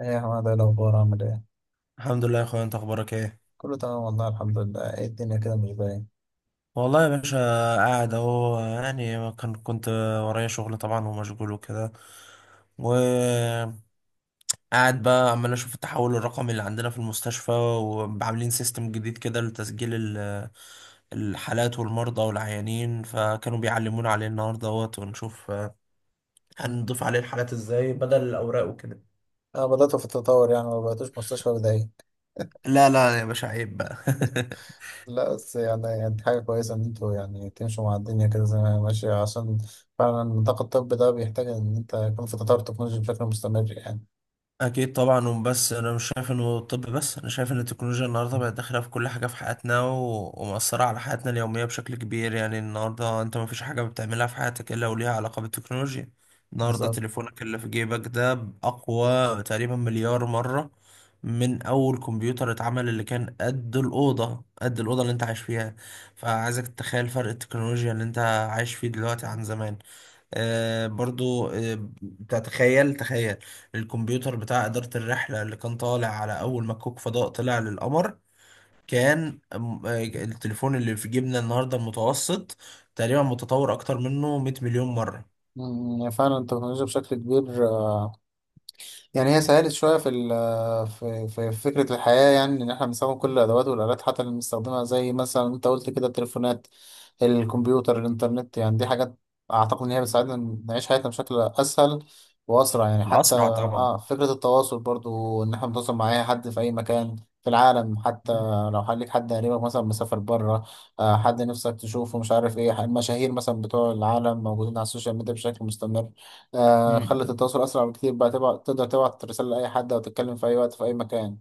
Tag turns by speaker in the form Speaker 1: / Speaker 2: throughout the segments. Speaker 1: ايه يا حماد، ايه الاخبار؟ عامل ايه؟
Speaker 2: الحمد لله يا اخويا، انت اخبارك ايه؟
Speaker 1: كله تمام والله، الحمد لله. ايه الدنيا كده مش باين.
Speaker 2: والله يا باشا. قاعد اهو، يعني كنت ورايا شغل طبعا ومشغول وكده وقاعد. بقى عمال اشوف التحول الرقمي اللي عندنا في المستشفى، وعاملين سيستم جديد كده لتسجيل الحالات والمرضى والعيانين، فكانوا بيعلمونا عليه النهارده اهوت ونشوف هنضيف عليه الحالات ازاي بدل الاوراق وكده.
Speaker 1: انا بدأت في التطور، يعني ما بقيتوش مستشفى بدائي.
Speaker 2: لا، لا يا باشا، عيب بقى.
Speaker 1: لا بس يعني، دي حاجة كويسة ان انتوا يعني تمشوا مع الدنيا كده زي ما هي ماشية، عشان فعلا النطاق الطبي ده بيحتاج ان انت يكون في تطور تكنولوجي بشكل مستمر يعني.
Speaker 2: اكيد طبعا. وبس انا مش شايف انه الطب بس، انا شايف ان التكنولوجيا النهارده بقت داخله في كل حاجه في حياتنا، ومأثره على حياتنا اليوميه بشكل كبير. يعني النهارده انت ما فيش حاجه بتعملها في حياتك الا وليها علاقه بالتكنولوجيا. النهارده
Speaker 1: بالظبط.
Speaker 2: تليفونك اللي في جيبك ده اقوى تقريبا مليار مره من اول كمبيوتر اتعمل، اللي كان قد الاوضه، قد الاوضه اللي انت عايش فيها. فعايزك تتخيل فرق التكنولوجيا اللي انت عايش فيه دلوقتي عن زمان. برضو، بتاع، تخيل تخيل الكمبيوتر بتاع إدارة الرحلة اللي كان طالع على أول ما كوك فضاء طلع للقمر. كان التليفون اللي في جيبنا النهاردة المتوسط تقريبا متطور أكتر منه 100 مليون مرة.
Speaker 1: فعلا التكنولوجيا بشكل كبير يعني هي سهلت شوية في ال في في في فكرة الحياة، يعني إن إحنا بنستخدم كل الأدوات والآلات، حتى اللي بنستخدمها زي مثلا أنت قلت كده: التليفونات، الكمبيوتر، الإنترنت. يعني دي حاجات أعتقد إن هي بتساعدنا نعيش حياتنا بشكل أسهل وأسرع، يعني حتى
Speaker 2: وأسرع طبعا.
Speaker 1: آه فكرة التواصل برضو إن إحنا نتواصل مع أي حد في أي مكان في العالم. حتى لو ليك حد قريبك مثلا مسافر بره، آه حد نفسك تشوفه، مش عارف إيه، المشاهير مثلا بتوع العالم موجودين على السوشيال ميديا بشكل مستمر. آه، خلت
Speaker 2: مم.
Speaker 1: التواصل أسرع بكتير، بقى تبعت، تقدر تبعت رسالة لأي حد أو تتكلم في أي وقت في أي مكان.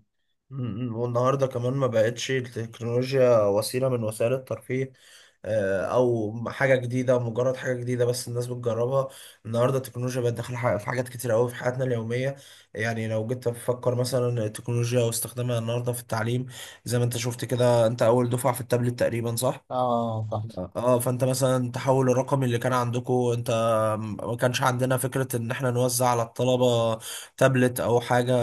Speaker 2: مم. والنهارده كمان ما بقتش التكنولوجيا وسيلة من وسائل الترفيه، او حاجة جديدة، مجرد حاجة جديدة بس الناس بتجربها. النهارده التكنولوجيا بقت داخلة في حاجات كتير قوي في حياتنا اليومية. يعني لو جيت تفكر مثلا التكنولوجيا واستخدامها النهارده في التعليم، زي ما انت شفت كده، انت اول دفعة في التابلت تقريبا، صح؟
Speaker 1: آه صح.
Speaker 2: آه. اه، فانت مثلا التحول الرقمي اللي كان عندكم انت، ما كانش عندنا فكرة ان احنا نوزع على الطلبة تابلت او حاجة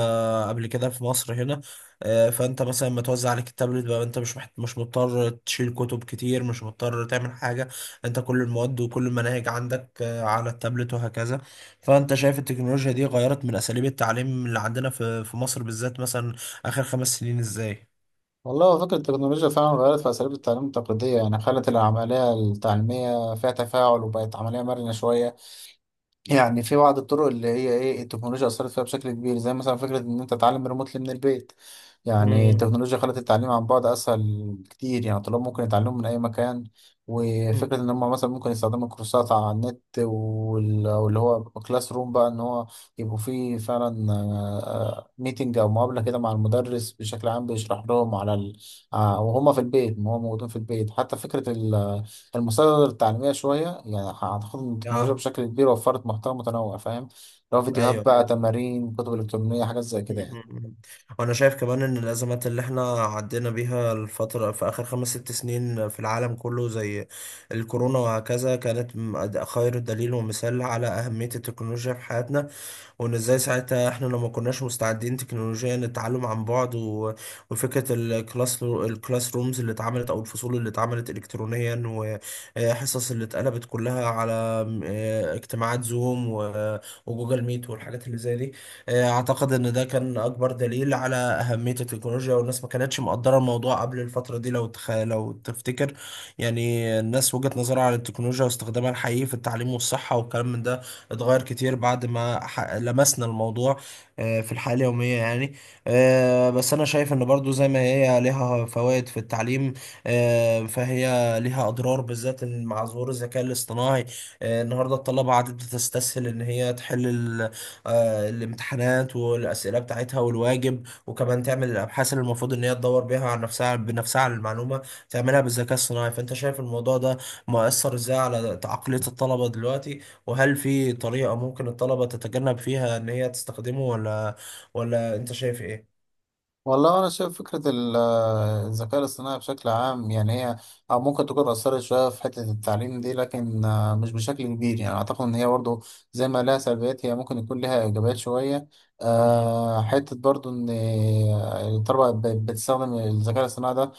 Speaker 2: قبل كده في مصر هنا. فانت مثلا لما توزع عليك التابلت بقى، انت مش مضطر تشيل كتب كتير، مش مضطر تعمل حاجة. انت كل المواد وكل المناهج عندك على التابلت وهكذا. فانت شايف التكنولوجيا دي غيرت من اساليب التعليم اللي عندنا في مصر بالذات، مثلا اخر 5 سنين، ازاي؟
Speaker 1: والله هو فكرة التكنولوجيا فعلا غيرت في أساليب التعليم التقليدية، يعني خلت العملية التعليمية فيها تفاعل وبقت عملية مرنة شوية. يعني في بعض الطرق اللي هي ايه التكنولوجيا اثرت فيها بشكل كبير، زي مثلا فكره ان انت تتعلم ريموتلي من البيت. يعني
Speaker 2: مم.
Speaker 1: التكنولوجيا خلت التعليم عن بعد اسهل كتير، يعني الطلاب ممكن يتعلموا من اي مكان.
Speaker 2: مم.
Speaker 1: وفكره ان هم مثلا ممكن يستخدموا الكورسات على النت واللي هو كلاس روم، بقى ان هو يبقوا فيه فعلا ميتنج او مقابله كده مع المدرس بشكل عام بيشرح لهم على آه، وهم في البيت، ما هم موجودين في البيت. حتى فكره المصادر التعليمية شوية، يعني أعتقد إن التكنولوجيا
Speaker 2: اه.
Speaker 1: بشكل كبير وفرت محتوى متنوع، فاهم؟ لو فيديوهات
Speaker 2: ايوه،
Speaker 1: بقى،
Speaker 2: ايوه.
Speaker 1: تمارين، كتب إلكترونية، حاجات زي كده يعني.
Speaker 2: مم. وانا شايف كمان ان الازمات اللي احنا عدينا بيها الفتره في اخر خمس ست سنين في العالم كله، زي الكورونا وهكذا، كانت خير دليل ومثال على اهميه التكنولوجيا في حياتنا، وان ازاي ساعتها احنا لو ما كناش مستعدين تكنولوجيا للتعلم عن بعد وفكرة الكلاس رومز اللي اتعملت او الفصول اللي اتعملت الكترونيا، وحصص اللي اتقلبت كلها على اجتماعات زوم و- وجوجل ميت والحاجات اللي زي دي. اعتقد ان ده كان اكبر دليل على اهمية التكنولوجيا، والناس ما كانتش مقدرة الموضوع قبل الفترة دي لو تفتكر. يعني الناس وجهة نظرها عن التكنولوجيا واستخدامها الحقيقي في التعليم والصحة والكلام من ده اتغير كتير بعد ما لمسنا الموضوع في الحياة اليومية يعني. بس أنا شايف إن برضو زي ما هي ليها فوائد في التعليم، فهي ليها أضرار، بالذات إن مع ظهور الذكاء الاصطناعي. النهاردة الطلبة عادت بتستسهل إن هي تحل الامتحانات والأسئلة بتاعتها والواجب، وكمان تعمل الأبحاث اللي المفروض إن هي تدور بيها على نفسها بنفسها على المعلومة، تعملها بالذكاء الصناعي. فأنت شايف الموضوع ده مؤثر إزاي على عقلية الطلبة دلوقتي، وهل في طريقة ممكن الطلبة تتجنب فيها إن هي تستخدمه، ولا أنت شايف إيه؟
Speaker 1: والله أنا شايف فكرة الذكاء الاصطناعي بشكل عام يعني هي أو ممكن تكون أثرت شوية في حتة التعليم دي، لكن آه، مش بشكل كبير. يعني أعتقد إن هي برضو زي ما لها سلبيات هي ممكن يكون لها إيجابيات شوية.
Speaker 2: مم.
Speaker 1: آه، حتة برضو إن الطلبة بقت بتستخدم الذكاء الاصطناعي ده،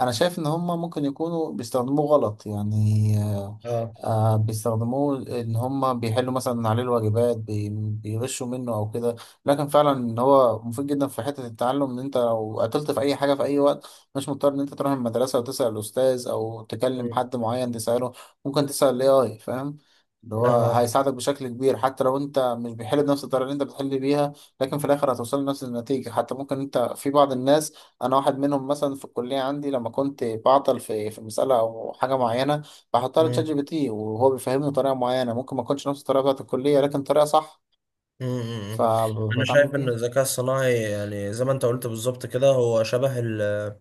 Speaker 1: انا شايف ان هم ممكن يكونوا بيستخدموه غلط.
Speaker 2: اه.
Speaker 1: بيستخدموه ان هم بيحلوا مثلا عليه الواجبات، بيغشوا منه او كده. لكن فعلا ان هو مفيد جدا في حتة التعلم، ان انت لو قتلت في اي حاجة في اي وقت مش مضطر ان انت تروح المدرسة وتسأل الاستاذ او تكلم
Speaker 2: مم.
Speaker 1: حد معين تسأله، ممكن تسأل الاي اي، فاهم؟ اللي
Speaker 2: لا.
Speaker 1: هو
Speaker 2: اه.
Speaker 1: هيساعدك بشكل كبير، حتى لو انت مش بيحل بنفس الطريقه اللي انت بتحل بيها، لكن في الاخر هتوصل لنفس النتيجه. حتى ممكن انت، في بعض الناس انا واحد منهم مثلا، في الكليه عندي لما كنت بعطل في مساله او حاجه معينه بحطها لتشات جي
Speaker 2: مم.
Speaker 1: بي تي وهو بيفهمني بطريقه معينه ممكن ما تكونش نفس الطريقه بتاعت الكليه، لكن طريقه صح
Speaker 2: امم. انا
Speaker 1: فبتعامل
Speaker 2: شايف ان
Speaker 1: بيها.
Speaker 2: الذكاء الصناعي، يعني زي ما انت قلت بالظبط كده، هو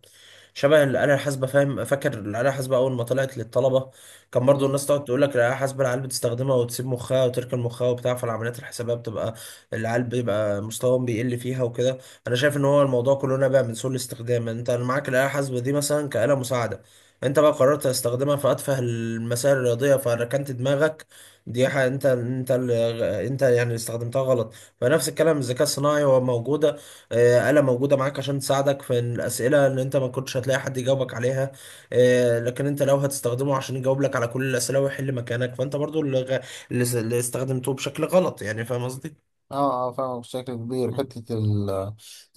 Speaker 2: شبه الآلة الحاسبة. فاهم؟ فاكر الآلة الحاسبة أول ما طلعت للطلبة، كان برضو
Speaker 1: مم.
Speaker 2: الناس تقعد تقول لك الآلة الحاسبة العيال بتستخدمها وتسيب مخها وتركن مخها وبتاع، فالعمليات الحسابية بتبقى العيال بيبقى مستواهم بيقل فيها وكده. أنا شايف إن هو الموضوع كله نابع من سوء الاستخدام. يعني أنت معاك الآلة الحاسبة دي مثلا كآلة مساعدة، أنت بقى قررت تستخدمها في أتفه المسائل الرياضية فركنت دماغك. دي حاجة انت يعني اللي استخدمتها غلط. فنفس الكلام الذكاء الصناعي هو موجودة، آلة موجودة معاك عشان تساعدك في الأسئلة اللي انت ما كنتش هتلاقي حد يجاوبك عليها، لكن انت لو هتستخدمه عشان يجاوب لك على كل الأسئلة ويحل مكانك، فانت برضو اللي غ- اللي س- اللي استخدمته بشكل غلط. يعني فاهم قصدي؟
Speaker 1: اه اه، فاهم بشكل كبير
Speaker 2: مم.
Speaker 1: حته ال-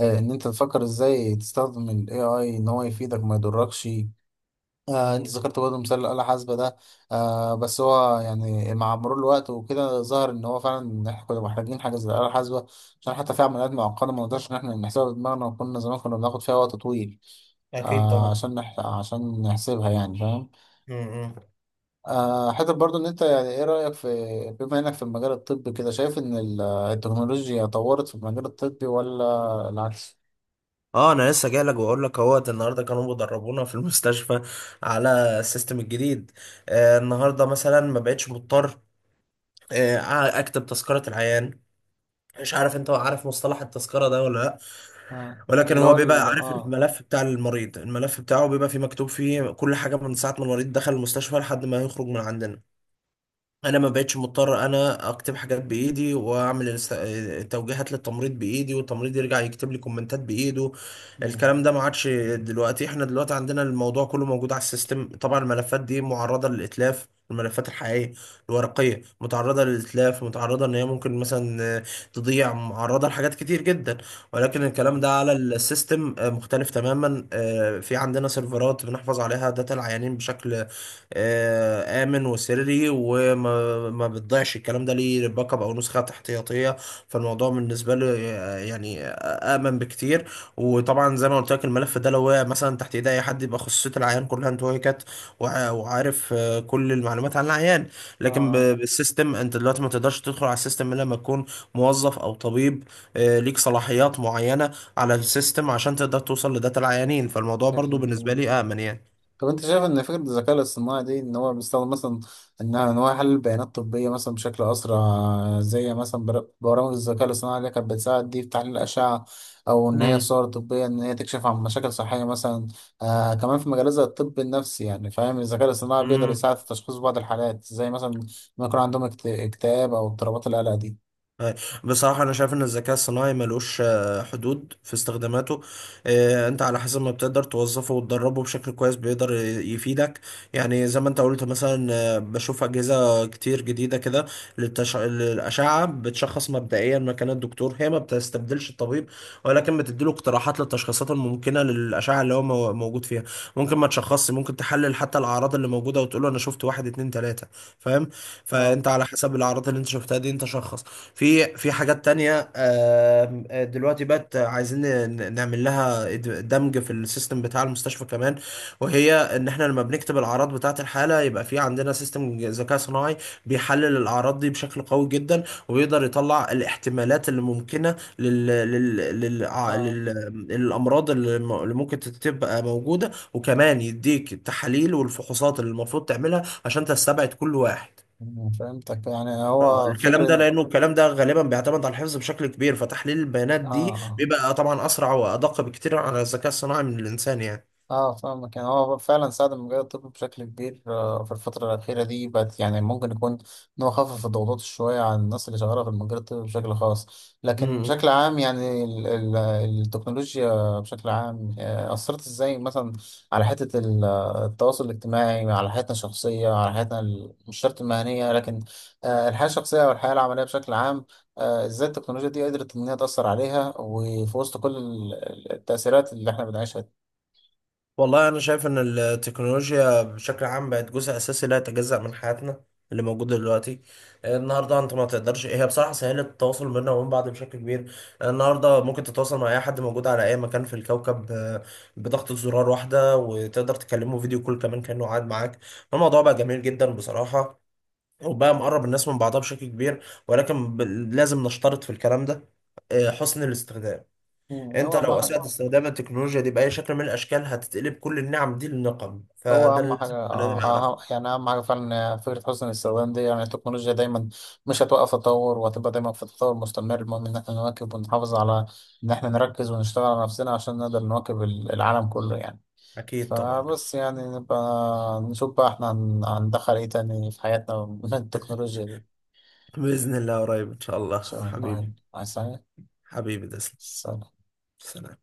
Speaker 1: آه، ان انت تفكر ازاي تستخدم الاي اي ان هو يفيدك ما يضركش. آه انت
Speaker 2: مم.
Speaker 1: ذكرت برضه مثال الآلة الحاسبة ده، آه بس هو يعني مع مرور الوقت وكده ظهر ان هو فعلا إن احنا كنا محتاجين حاجة زي الآلة الحاسبة، عشان حتى في عمليات معقدة ما نقدرش ان احنا نحسبها بدماغنا، وكنا زمان كنا بناخد فيها وقت طويل،
Speaker 2: اكيد
Speaker 1: آه
Speaker 2: طبعا.
Speaker 1: عشان نحسبها يعني، فاهم؟
Speaker 2: مم.
Speaker 1: آه حتى برضه ان انت، يعني ايه رأيك في، بما انك في المجال الطبي كده، شايف ان التكنولوجيا طورت في المجال الطبي ولا العكس؟
Speaker 2: اه، انا لسه جاي لك واقول لك اهوت، النهارده كانوا بيدربونا في المستشفى على السيستم الجديد. النهارده مثلا ما بقتش مضطر اكتب تذكرة العيان. مش عارف انت عارف مصطلح التذكرة ده ولا لا؟
Speaker 1: آه.
Speaker 2: ولكن
Speaker 1: اللي هو
Speaker 2: هو بيبقى
Speaker 1: ال
Speaker 2: عارف
Speaker 1: اه.
Speaker 2: الملف بتاع المريض، الملف بتاعه بيبقى فيه مكتوب فيه كل حاجة من ساعة ما المريض دخل المستشفى لحد ما يخرج من عندنا. انا ما بقتش مضطر انا اكتب حاجات بايدي واعمل التوجيهات للتمريض بايدي، والتمريض يرجع يكتب لي كومنتات بايده.
Speaker 1: مم.
Speaker 2: الكلام ده ما عادش. دلوقتي احنا دلوقتي عندنا الموضوع كله موجود على السيستم. طبعا الملفات دي معرضة للاتلاف، الملفات الحقيقية الورقية متعرضة للإتلاف، متعرضة إن هي ممكن مثلا تضيع، معرضة لحاجات كتير جدا. ولكن الكلام
Speaker 1: اه
Speaker 2: ده على السيستم مختلف تماما. في عندنا سيرفرات بنحفظ عليها داتا العيانين بشكل آمن وسري، وما ما بتضيعش، الكلام ده ليه باك اب أو نسخة احتياطية. فالموضوع بالنسبة له يعني آمن بكتير. وطبعا زي ما قلت لك، الملف ده لو وقع مثلا تحت إيد أي حد يبقى خصوصية العيان كلها انتهكت، وعارف كل المعلومات عن العيان.
Speaker 1: اه.
Speaker 2: لكن
Speaker 1: آه.
Speaker 2: بالسيستم أنت دلوقتي ما تقدرش تدخل على السيستم إلا لما تكون موظف أو طبيب، ليك صلاحيات معينة على السيستم عشان تقدر توصل لداتا العيانين. فالموضوع برضو بالنسبة
Speaker 1: شكل،
Speaker 2: لي آمن يعني.
Speaker 1: طب انت شايف ان فكرة الذكاء الاصطناعي دي ان هو بيستخدم مثلا، انها ان هو يحلل بيانات طبية مثلا بشكل اسرع، زي مثلا برامج الذكاء الاصطناعي اللي كانت بتساعد دي في تحليل الاشعة، او ان هي
Speaker 2: مم.
Speaker 1: صور طبية ان هي تكشف عن مشاكل صحية مثلا. آه كمان في مجال زي الطب النفسي، يعني فاهم الذكاء الاصطناعي بيقدر
Speaker 2: مم.
Speaker 1: يساعد في تشخيص بعض الحالات، زي مثلا ما يكون عندهم اكتئاب او اضطرابات القلق دي.
Speaker 2: أي. بصراحة أنا شايف إن الذكاء الصناعي ملوش حدود في استخداماته. أنت على حسب ما بتقدر توظفه وتدربه بشكل كويس، بيقدر يفيدك. يعني زي ما أنت قلت مثلا، بشوف أجهزة كتير جديدة كده للأشعة بتشخص مبدئيا مكان الدكتور. هي ما بتستبدلش الطبيب، ولكن بتديله اقتراحات للتشخيصات الممكنة للأشعة اللي هو موجود فيها. ممكن ما تشخصش، ممكن تحلل حتى الأعراض اللي موجودة وتقوله أنا شفت واحد، اتنين، تلاتة، فاهم.
Speaker 1: اه
Speaker 2: فأنت على حسب الأعراض اللي أنت شفتها دي أنت شخص. في حاجات تانية، دلوقتي بقت عايزين نعمل لها دمج في السيستم بتاع المستشفى كمان. وهي ان احنا لما بنكتب الاعراض بتاعة الحالة، يبقى في عندنا سيستم ذكاء صناعي بيحلل الاعراض دي بشكل قوي جدا، وبيقدر يطلع الاحتمالات اللي ممكنة
Speaker 1: اه،
Speaker 2: لل... للامراض اللي اللي ممكن تبقى موجودة، وكمان يديك التحاليل والفحوصات اللي المفروض تعملها عشان تستبعد كل واحد.
Speaker 1: فهمتك. يعني هو
Speaker 2: الكلام ده
Speaker 1: فكرة،
Speaker 2: لانه الكلام ده غالبا بيعتمد على الحفظ بشكل كبير، فتحليل البيانات
Speaker 1: اه.
Speaker 2: دي
Speaker 1: آه.
Speaker 2: بيبقى طبعا اسرع وادق بكتير على الذكاء الصناعي من الانسان يعني.
Speaker 1: اه فاهمك، يعني هو فعلا ساعد المجال الطبي بشكل كبير، آه، في الفترة الأخيرة دي بقت يعني ممكن يكون إن هو خفف الضغوطات شوية عن الناس اللي شغالة في المجال الطبي بشكل خاص. لكن
Speaker 2: امم
Speaker 1: بشكل عام يعني التكنولوجيا بشكل عام آه، أثرت إزاي مثلا على حتة التواصل الاجتماعي، على حياتنا الشخصية، على حياتنا مش شرط المهنية، لكن آه، الحياة الشخصية والحياة العملية بشكل عام، آه، إزاي التكنولوجيا دي قدرت إن هي تأثر عليها، وفي وسط كل التأثيرات اللي إحنا بنعيشها.
Speaker 2: والله انا شايف ان التكنولوجيا بشكل عام بقت جزء اساسي لا يتجزأ من حياتنا اللي موجود دلوقتي. النهارده انت ما تقدرش، هي بصراحه سهلت التواصل بينا وبين بعض بشكل كبير. النهارده ممكن تتواصل مع اي حد موجود على اي مكان في الكوكب بضغطة زرار واحده، وتقدر تكلمه فيديو كول كمان كانه قاعد معاك. الموضوع بقى جميل جدا بصراحه، وبقى مقرب الناس من بعضها بشكل كبير، ولكن لازم نشترط في الكلام ده حسن الاستخدام.
Speaker 1: مم،
Speaker 2: انت
Speaker 1: هو أهم
Speaker 2: لو اسأت
Speaker 1: حاجة.
Speaker 2: طبعا استخدام التكنولوجيا دي بأي شكل من الاشكال، هتتقلب كل النعم دي للنقم،
Speaker 1: هو
Speaker 2: فده
Speaker 1: أهم
Speaker 2: اللي
Speaker 1: حاجة
Speaker 2: لازم البني آدم يعرفه.
Speaker 1: آه، يعني أهم حاجة فعلا فكرة حسن الاستخدام دي، يعني التكنولوجيا دايما مش هتوقف تطور، وهتبقى دايما في تطور مستمر، المهم إن احنا نواكب ونحافظ على إن احنا نركز ونشتغل على نفسنا عشان نقدر نواكب العالم كله يعني.
Speaker 2: اكيد طبعا.
Speaker 1: فبس يعني نبقى نشوف بقى احنا هندخل ايه تاني في حياتنا من التكنولوجيا دي. إن
Speaker 2: بإذن الله قريب، إن شاء الله.
Speaker 1: شاء الله
Speaker 2: حبيبي،
Speaker 1: يعني. عايز حاجة؟
Speaker 2: حبيبي تسلم.
Speaker 1: سلام.
Speaker 2: سلام.